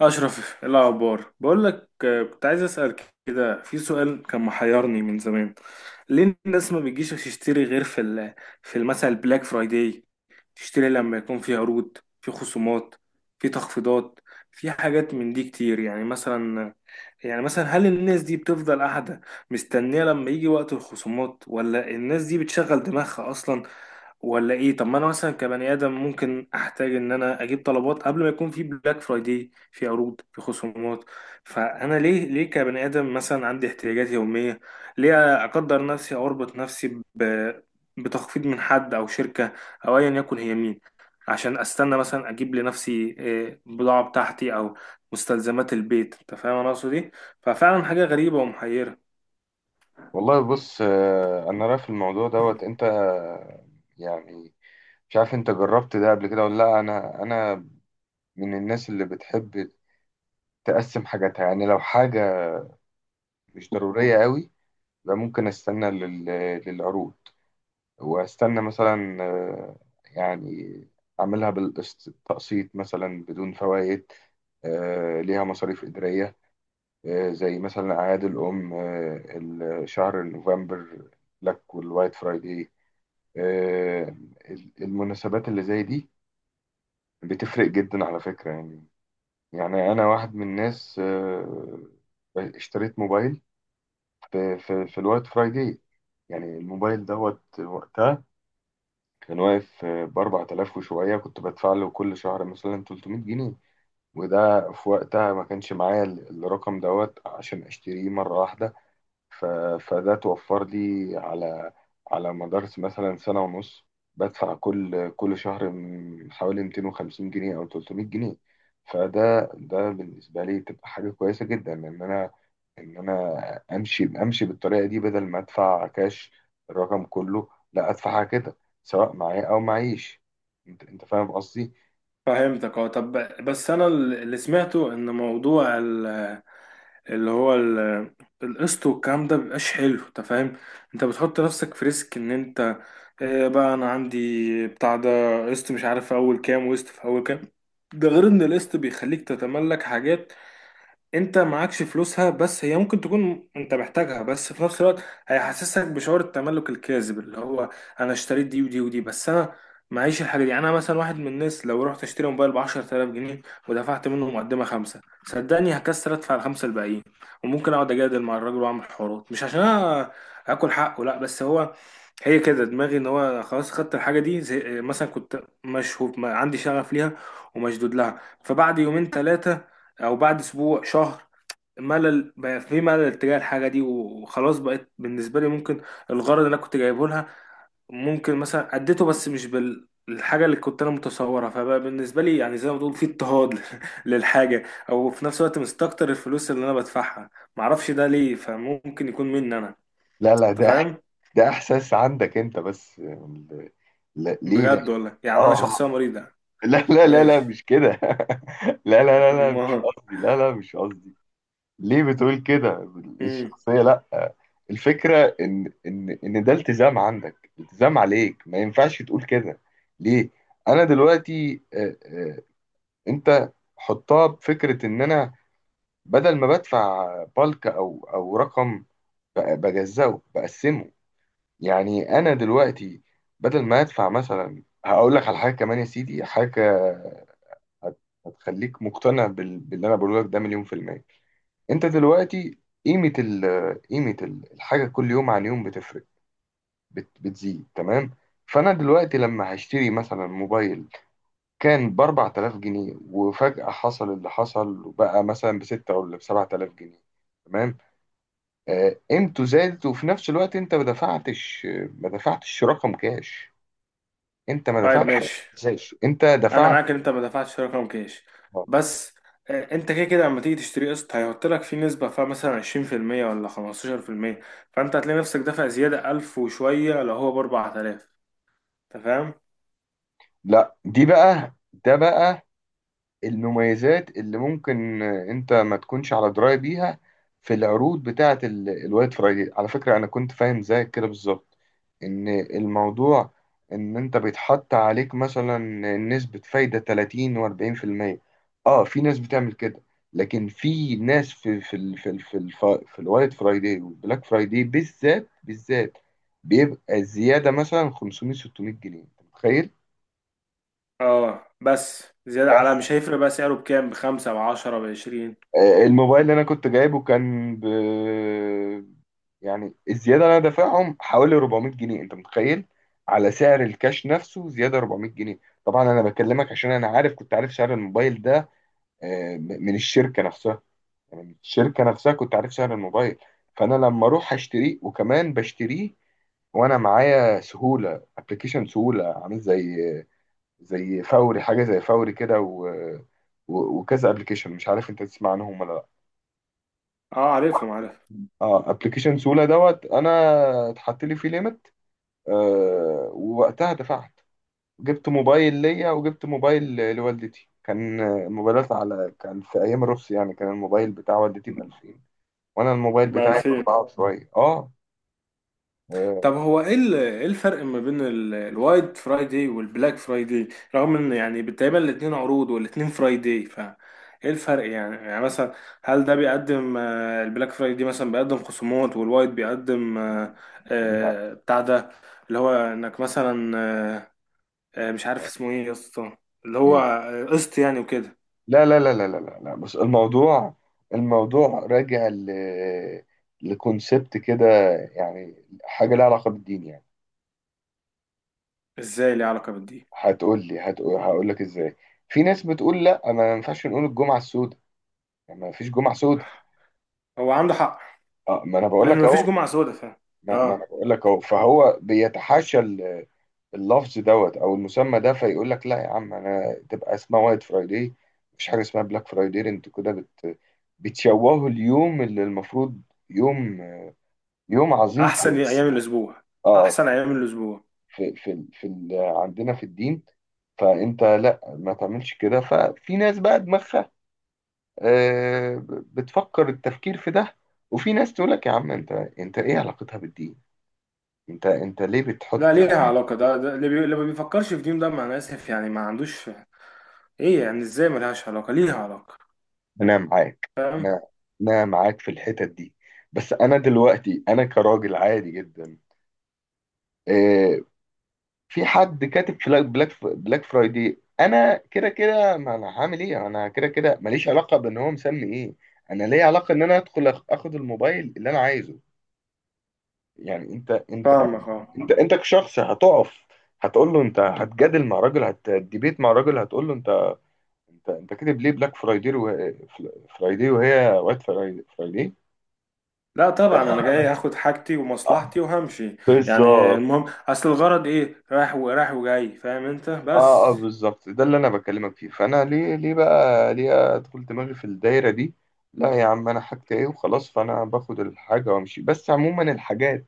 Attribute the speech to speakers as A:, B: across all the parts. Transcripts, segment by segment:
A: أشرف، إيه الأخبار؟ بقول لك، كنت عايز أسأل كده. في سؤال كان محيرني من زمان. ليه الناس ما بتجيش تشتري غير في في مثلا البلاك فرايداي؟ تشتري لما يكون في عروض، في خصومات، في تخفيضات، في حاجات من دي كتير. يعني مثلا هل الناس دي بتفضل قاعدة مستنية لما يجي وقت الخصومات، ولا الناس دي بتشغل دماغها أصلا، ولا ايه؟ طب ما انا مثلا كبني ادم ممكن احتاج ان انا اجيب طلبات قبل ما يكون في بلاك فرايداي، في عروض، في خصومات. فانا ليه كبني ادم مثلا عندي احتياجات يوميه، ليه اقدر نفسي او اربط نفسي ب... بتخفيض من حد او شركه، او ايا يكن هي مين، عشان استنى مثلا اجيب لنفسي بضاعه بتاعتي او مستلزمات البيت؟ انت فاهم انا اقصد ايه؟ ففعلا حاجه غريبه ومحيره.
B: والله بص، انا رأي في الموضوع دوت. انت يعني مش عارف انت جربت ده قبل كده ولا لا. انا من الناس اللي بتحب تقسم حاجاتها. يعني لو حاجة مش ضرورية قوي يبقى ممكن استنى للعروض، واستنى مثلا يعني اعملها بالتقسيط مثلا بدون فوائد. ليها مصاريف إدارية. زي مثلا أعياد الأم، شهر نوفمبر، بلاك والوايت فرايداي. آه، المناسبات اللي زي دي بتفرق جدا على فكرة. يعني أنا واحد من الناس. اشتريت موبايل في الوايت فرايداي. يعني الموبايل دوت وقتها كان واقف ب 4000 وشوية. كنت بدفع له كل شهر مثلا 300 جنيه، وده في وقتها ما كانش معايا الرقم دوت عشان أشتريه مرة واحدة. ف... فده توفر لي على مدار مثلا سنة ونص بدفع كل شهر حوالي 250 جنيه أو 300 جنيه. فده بالنسبة لي تبقى حاجة كويسة جدا، إن أنا إن أنا أمشي بالطريقة دي، بدل ما أدفع كاش الرقم كله. لا، أدفعها كده، سواء معايا أو معيش. أنت فاهم قصدي؟
A: فهمتك، اه. طب بس انا اللي سمعته ان موضوع اللي هو القسط والكلام ده مبيبقاش حلو. انت فاهم؟ انت بتحط نفسك في ريسك ان انت، اه، بقى انا عندي بتاع ده قسط مش عارف في اول كام، وقسط في اول كام. ده غير ان القسط بيخليك تتملك حاجات انت معكش فلوسها، بس هي ممكن تكون انت محتاجها، بس في نفس الوقت هيحسسك بشعور التملك الكاذب، اللي هو، انا اشتريت دي ودي ودي بس انا معيش الحاجه دي. يعني انا مثلا واحد من الناس لو رحت اشتري موبايل ب 10000 جنيه، ودفعت منه مقدمه خمسه، صدقني هكسر ادفع الخمسه الباقيين، وممكن اقعد اجادل مع الراجل واعمل حوارات، مش عشان انا اكل حقه، لا، بس هو، هي كده دماغي ان هو خلاص خدت الحاجه دي. زي مثلا كنت مشهور عندي شغف ليها ومشدود لها، فبعد يومين ثلاثه، او بعد اسبوع شهر، ملل بقى، في ملل تجاه الحاجه دي وخلاص. بقت بالنسبه لي ممكن الغرض اللي انا كنت جايبه لها ممكن مثلا اديته، بس مش بالحاجه اللي كنت انا متصورها. فبقى بالنسبه لي يعني زي ما بتقول في اضطهاد للحاجه، او في نفس الوقت مستكتر الفلوس اللي انا بدفعها. معرفش ده ليه، فممكن يكون مني انا.
B: لا لا.
A: انت
B: ده
A: فاهم؟
B: إحساس عندك أنت بس. ليه؟ لا.
A: بجد والله، يعني انا
B: آه.
A: شخصيه مريضه.
B: لا لا لا لا،
A: ماشي.
B: مش كده لا لا لا لا، مش
A: ما
B: قصدي. لا لا، مش قصدي. ليه بتقول كده؟
A: مم.
B: الشخصية، لا. الفكرة إن إن ده التزام عندك، التزام عليك. ما ينفعش تقول كده. ليه؟ أنا دلوقتي أنت حطها بفكرة إن أنا بدل ما بدفع بالك، أو رقم، بجزأه، بقسمه. يعني أنا دلوقتي بدل ما أدفع مثلا، هقول لك على حاجة كمان يا سيدي، حاجة هت- هتخليك مقتنع باللي انا بقوله لك، ده مليون في المية. انت دلوقتي قيمة ال... قيمة الحاجة كل يوم عن يوم بتفرق، بتزيد، تمام؟ فانا دلوقتي لما هشتري مثلا موبايل كان ب 4000 جنيه، وفجأة حصل اللي حصل وبقى مثلا ب 6 ولا ب 7000 جنيه، تمام. قيمته زادت، وفي نفس الوقت انت ما دفعتش. ما دفعتش رقم كاش. انت ما
A: طيب
B: دفعتش
A: ماشي.
B: كاش، انت
A: انا
B: دفعت.
A: معاك ان انت ما دفعتش في رقم كاش. بس انت كده كده لما تيجي تشتري قسط هيحط لك فيه نسبه، فيها مثلا 20% ولا 15%. فانت هتلاقي نفسك دافع زياده 1000 وشويه لو هو ب 4000. انت فاهم؟
B: لا، دي بقى ده بقى المميزات اللي ممكن انت ما تكونش على درايه بيها في العروض بتاعه الوايت فرايدي. على فكره انا كنت فاهم زيك كده بالظبط، ان الموضوع ان انت بيتحط عليك مثلا نسبه فايده 30 و40%. اه، في ناس بتعمل كده، لكن في ناس، في الوايت فرايدي والبلاك فرايدي، بالذات بالذات بيبقى الزياده مثلا 500 600 جنيه. انت متخيل؟
A: اه، بس زياده على مش هيفرق بقى سعره بكام، بخمسة بعشرة بعشرين.
B: الموبايل اللي انا كنت جايبه كان ب، يعني الزياده اللي انا دافعهم حوالي 400 جنيه. انت متخيل؟ على سعر الكاش نفسه زياده 400 جنيه. طبعا انا بكلمك عشان انا عارف، كنت عارف سعر الموبايل ده من الشركه نفسها. يعني من الشركه نفسها كنت عارف سعر الموبايل. فانا لما اروح اشتريه، وكمان بشتريه وانا معايا سهوله، ابلكيشن سهوله، عامل زي فوري، حاجه زي فوري كده. وكذا ابلكيشن، مش عارف انت تسمع عنهم ولا؟
A: اه، عارفهم، عارف.
B: اه، ابلكيشن سولا دوت، انا اتحط لي فيه ليميت. آه، ووقتها دفعت، جبت موبايل ليا وجبت موبايل لوالدتي. كان موبايلات على، كان في ايام الرخص يعني. كان الموبايل بتاع والدتي ب 2000، وانا الموبايل بتاعي ب 4
A: بألفين.
B: وشويه. اه. آه،
A: طب هو ايه إيه الفرق ما بين الوايت فرايداي والبلاك فرايداي، رغم ان يعني تقريبا الاتنين عروض والاتنين فرايداي؟ ف ايه الفرق؟ يعني مثلا هل ده بيقدم، البلاك فرايداي مثلا بيقدم خصومات، والوايت بيقدم،
B: لا.
A: بتاع ده، اللي هو انك مثلا، آه، مش عارف
B: آه،
A: اسمه ايه يا اسطى، اللي هو
B: ايه؟
A: قسط يعني وكده.
B: لا لا لا لا لا لا لا. بس الموضوع، راجع لكونسبت كده، يعني حاجه لها علاقه بالدين يعني.
A: ازاي ليه علاقة بالدي؟
B: هتقول لي، هقول لك ازاي. في ناس بتقول لا ما ينفعش نقول الجمعه السوداء، يعني ما فيش جمعه سوداء.
A: هو عنده حق.
B: اه، ما انا بقول لك
A: لان مفيش
B: اهو.
A: جمعة سوداء
B: ما انا
A: اه.
B: بقول لك اهو. فهو بيتحاشى اللفظ دوت او المسمى ده، فيقول لك لا يا عم انا، تبقى اسمها وايت فرايداي، مفيش حاجه اسمها بلاك فرايداي. انتوا كده بتشوهوا اليوم اللي المفروض يوم يوم عظيم
A: احسن ايام الاسبوع.
B: اه
A: احسن ايام الاسبوع.
B: في عندنا في الدين. فانت لا، ما تعملش كده. ففي ناس بقى دماغها بتفكر التفكير في ده، وفي ناس تقول لك يا عم انت، ايه علاقتها بالدين؟ انت ليه
A: لا،
B: بتحط؟
A: ليها علاقة. ده اللي ما بيفكرش في دين ده، مع أنا آسف يعني، ما عندوش. إيه يعني إزاي ملهاش علاقة؟ ليها علاقة.
B: انا معاك.
A: فاهم.
B: انا انا معاك في الحتت دي. بس انا دلوقتي، انا كراجل عادي جدا، آه، في حد كاتب في بلاك فرايدي. انا كده كده، ما انا هعمل ايه؟ انا كده كده ماليش علاقه بان هو مسمي ايه. انا ليا علاقه ان انا ادخل، اخد الموبايل اللي انا عايزه. يعني انت، انت
A: فاهمك، أه.
B: انت انت كشخص هتقف، هتقول له انت، هتجادل مع راجل، هتديبيت مع راجل. هتقول له انت، انت كاتب ليه بلاك فرايدي وهي وايت فرايدي.
A: لا طبعا أنا جاي هاخد حاجتي
B: آه،
A: ومصلحتي وهمشي. يعني
B: بالظبط.
A: المهم أصل الغرض إيه، رايح ورايح وجاي. فاهم أنت
B: اه اه،
A: بس.
B: بالظبط. ده اللي انا بكلمك فيه. فانا ليه، ليه بقى ليه ادخل دماغي في الدايره دي؟ لا يا عم، انا حاجتي ايه وخلاص. فانا باخد الحاجه وامشي. بس عموما الحاجات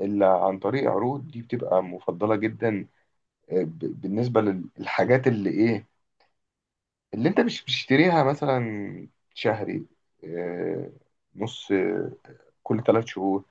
B: اللي عن طريق عروض دي بتبقى مفضله جدا، بالنسبه للحاجات اللي ايه، اللي انت مش بتشتريها مثلا شهري، آه، نص، كل 3 شهور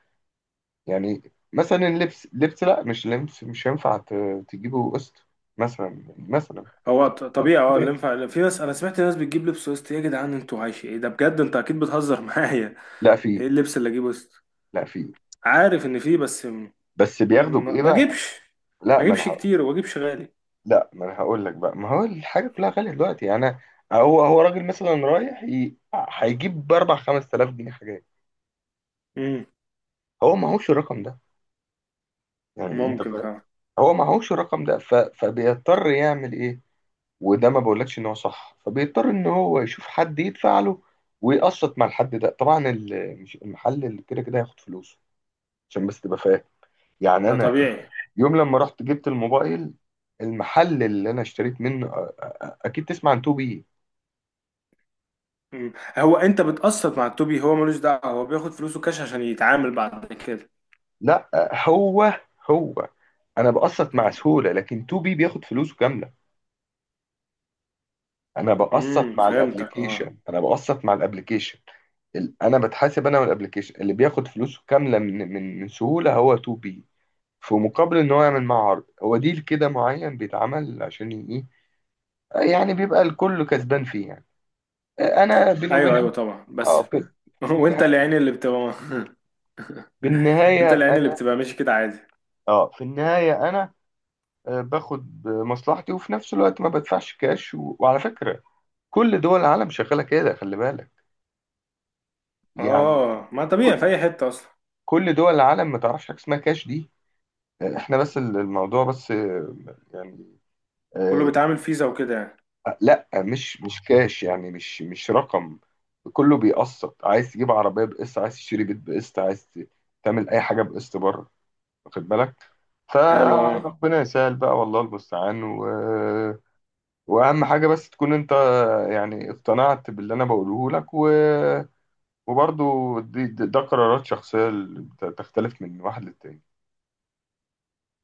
B: يعني. مثلا اللبس، لبس، لا مش لبس، مش هينفع تجيبه قسط. مثلا
A: هو طبيعي، أه. اللي ينفع في ناس. أنا سمعت ناس بتجيب لبس وسط. يا جدعان، أنتوا عايش إيه ده بجد؟ أنت أكيد بتهزر معايا.
B: لا
A: إيه
B: في
A: اللبس اللي أجيبه وسط؟
B: لا في
A: عارف إن فيه، بس
B: بس بياخدوا بايه
A: م- ما
B: بقى؟
A: أجيبش
B: لا،
A: ما
B: ما انا
A: أجيبش كتير، وما أجيبش غالي.
B: لا، ما انا هقول لك بقى، ما هو الحاجه كلها غاليه دلوقتي. يعني هو راجل مثلا رايح هيجيب ب 4 5000 جنيه حاجات،
A: مم،
B: هو معهوش الرقم ده. يعني انت
A: ممكن
B: فاهم،
A: فعلا.
B: هو معهوش الرقم ده. فبيضطر يعمل ايه؟ وده ما بقولكش ان هو صح. فبيضطر ان هو يشوف حد يدفع له ويقسط مع الحد ده. طبعا المحل اللي كده كده هياخد فلوسه. عشان بس تبقى فاهم. يعني
A: ده
B: انا
A: طبيعي.
B: يوم لما رحت جبت الموبايل، المحل اللي انا اشتريت منه، اكيد تسمع عن 2 بي.
A: هو انت بتقسط مع التوبي؟ هو ملوش دعوه، هو بياخد فلوسه كاش عشان يتعامل بعد كده.
B: لا. هو هو انا بقسط مع سهوله، لكن 2 بي بياخد فلوسه كامله. انا بقسط مع
A: فهمتك، اه.
B: الابليكيشن، انا بقسط مع الابليكيشن. انا بتحاسب انا والابليكيشن اللي بياخد فلوسه كامله من سهوله هو 2 بي، في مقابل ان هو يعمل معاه عرض، هو ديل كده معين بيتعمل عشان ايه؟ يعني بيبقى الكل كسبان فيه. يعني انا بيني
A: ايوه
B: وبينك
A: ايوه طبعا،
B: اه،
A: بس وانت اللي عيني اللي بتبقى.
B: في النهايه
A: انت اللي عيني اللي
B: انا،
A: بتبقى، ماشي كده عادي.
B: اه، في النهايه انا باخد مصلحتي، وفي نفس الوقت ما بدفعش كاش. وعلى فكره كل دول العالم شغاله كده، خلي بالك. يعني
A: اه، ما
B: كل
A: طبيعي في اي حته اصلا.
B: كل دول العالم ما تعرفش حاجه اسمها كاش دي. احنا بس، الموضوع بس يعني
A: كله
B: آه،
A: بيتعامل فيزا وكده يعني.
B: لا، مش كاش يعني، مش رقم. كله بيقسط. عايز تجيب عربية بقسط، عايز تشتري بيت بقسط، عايز تعمل أي حاجة بقسط بره. واخد بالك؟
A: حلو، اه.
B: فربنا يسهل بقى، والله المستعان. وأهم حاجة بس تكون أنت يعني اقتنعت باللي أنا بقوله لك. وبرضو ده قرارات شخصية اللي تختلف من واحد للتاني،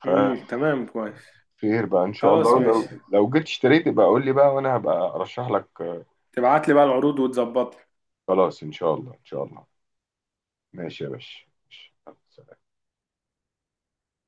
B: فخير
A: تمام كويس.
B: بقى إن شاء
A: خلاص
B: الله.
A: ماشي.
B: لو جيت اشتريت يبقى قول لي بقى وأنا هبقى أرشح لك.
A: تبعت لي بقى العروض وتظبطني.
B: خلاص إن شاء الله، إن شاء الله. ماشي يا باشا. ماشي.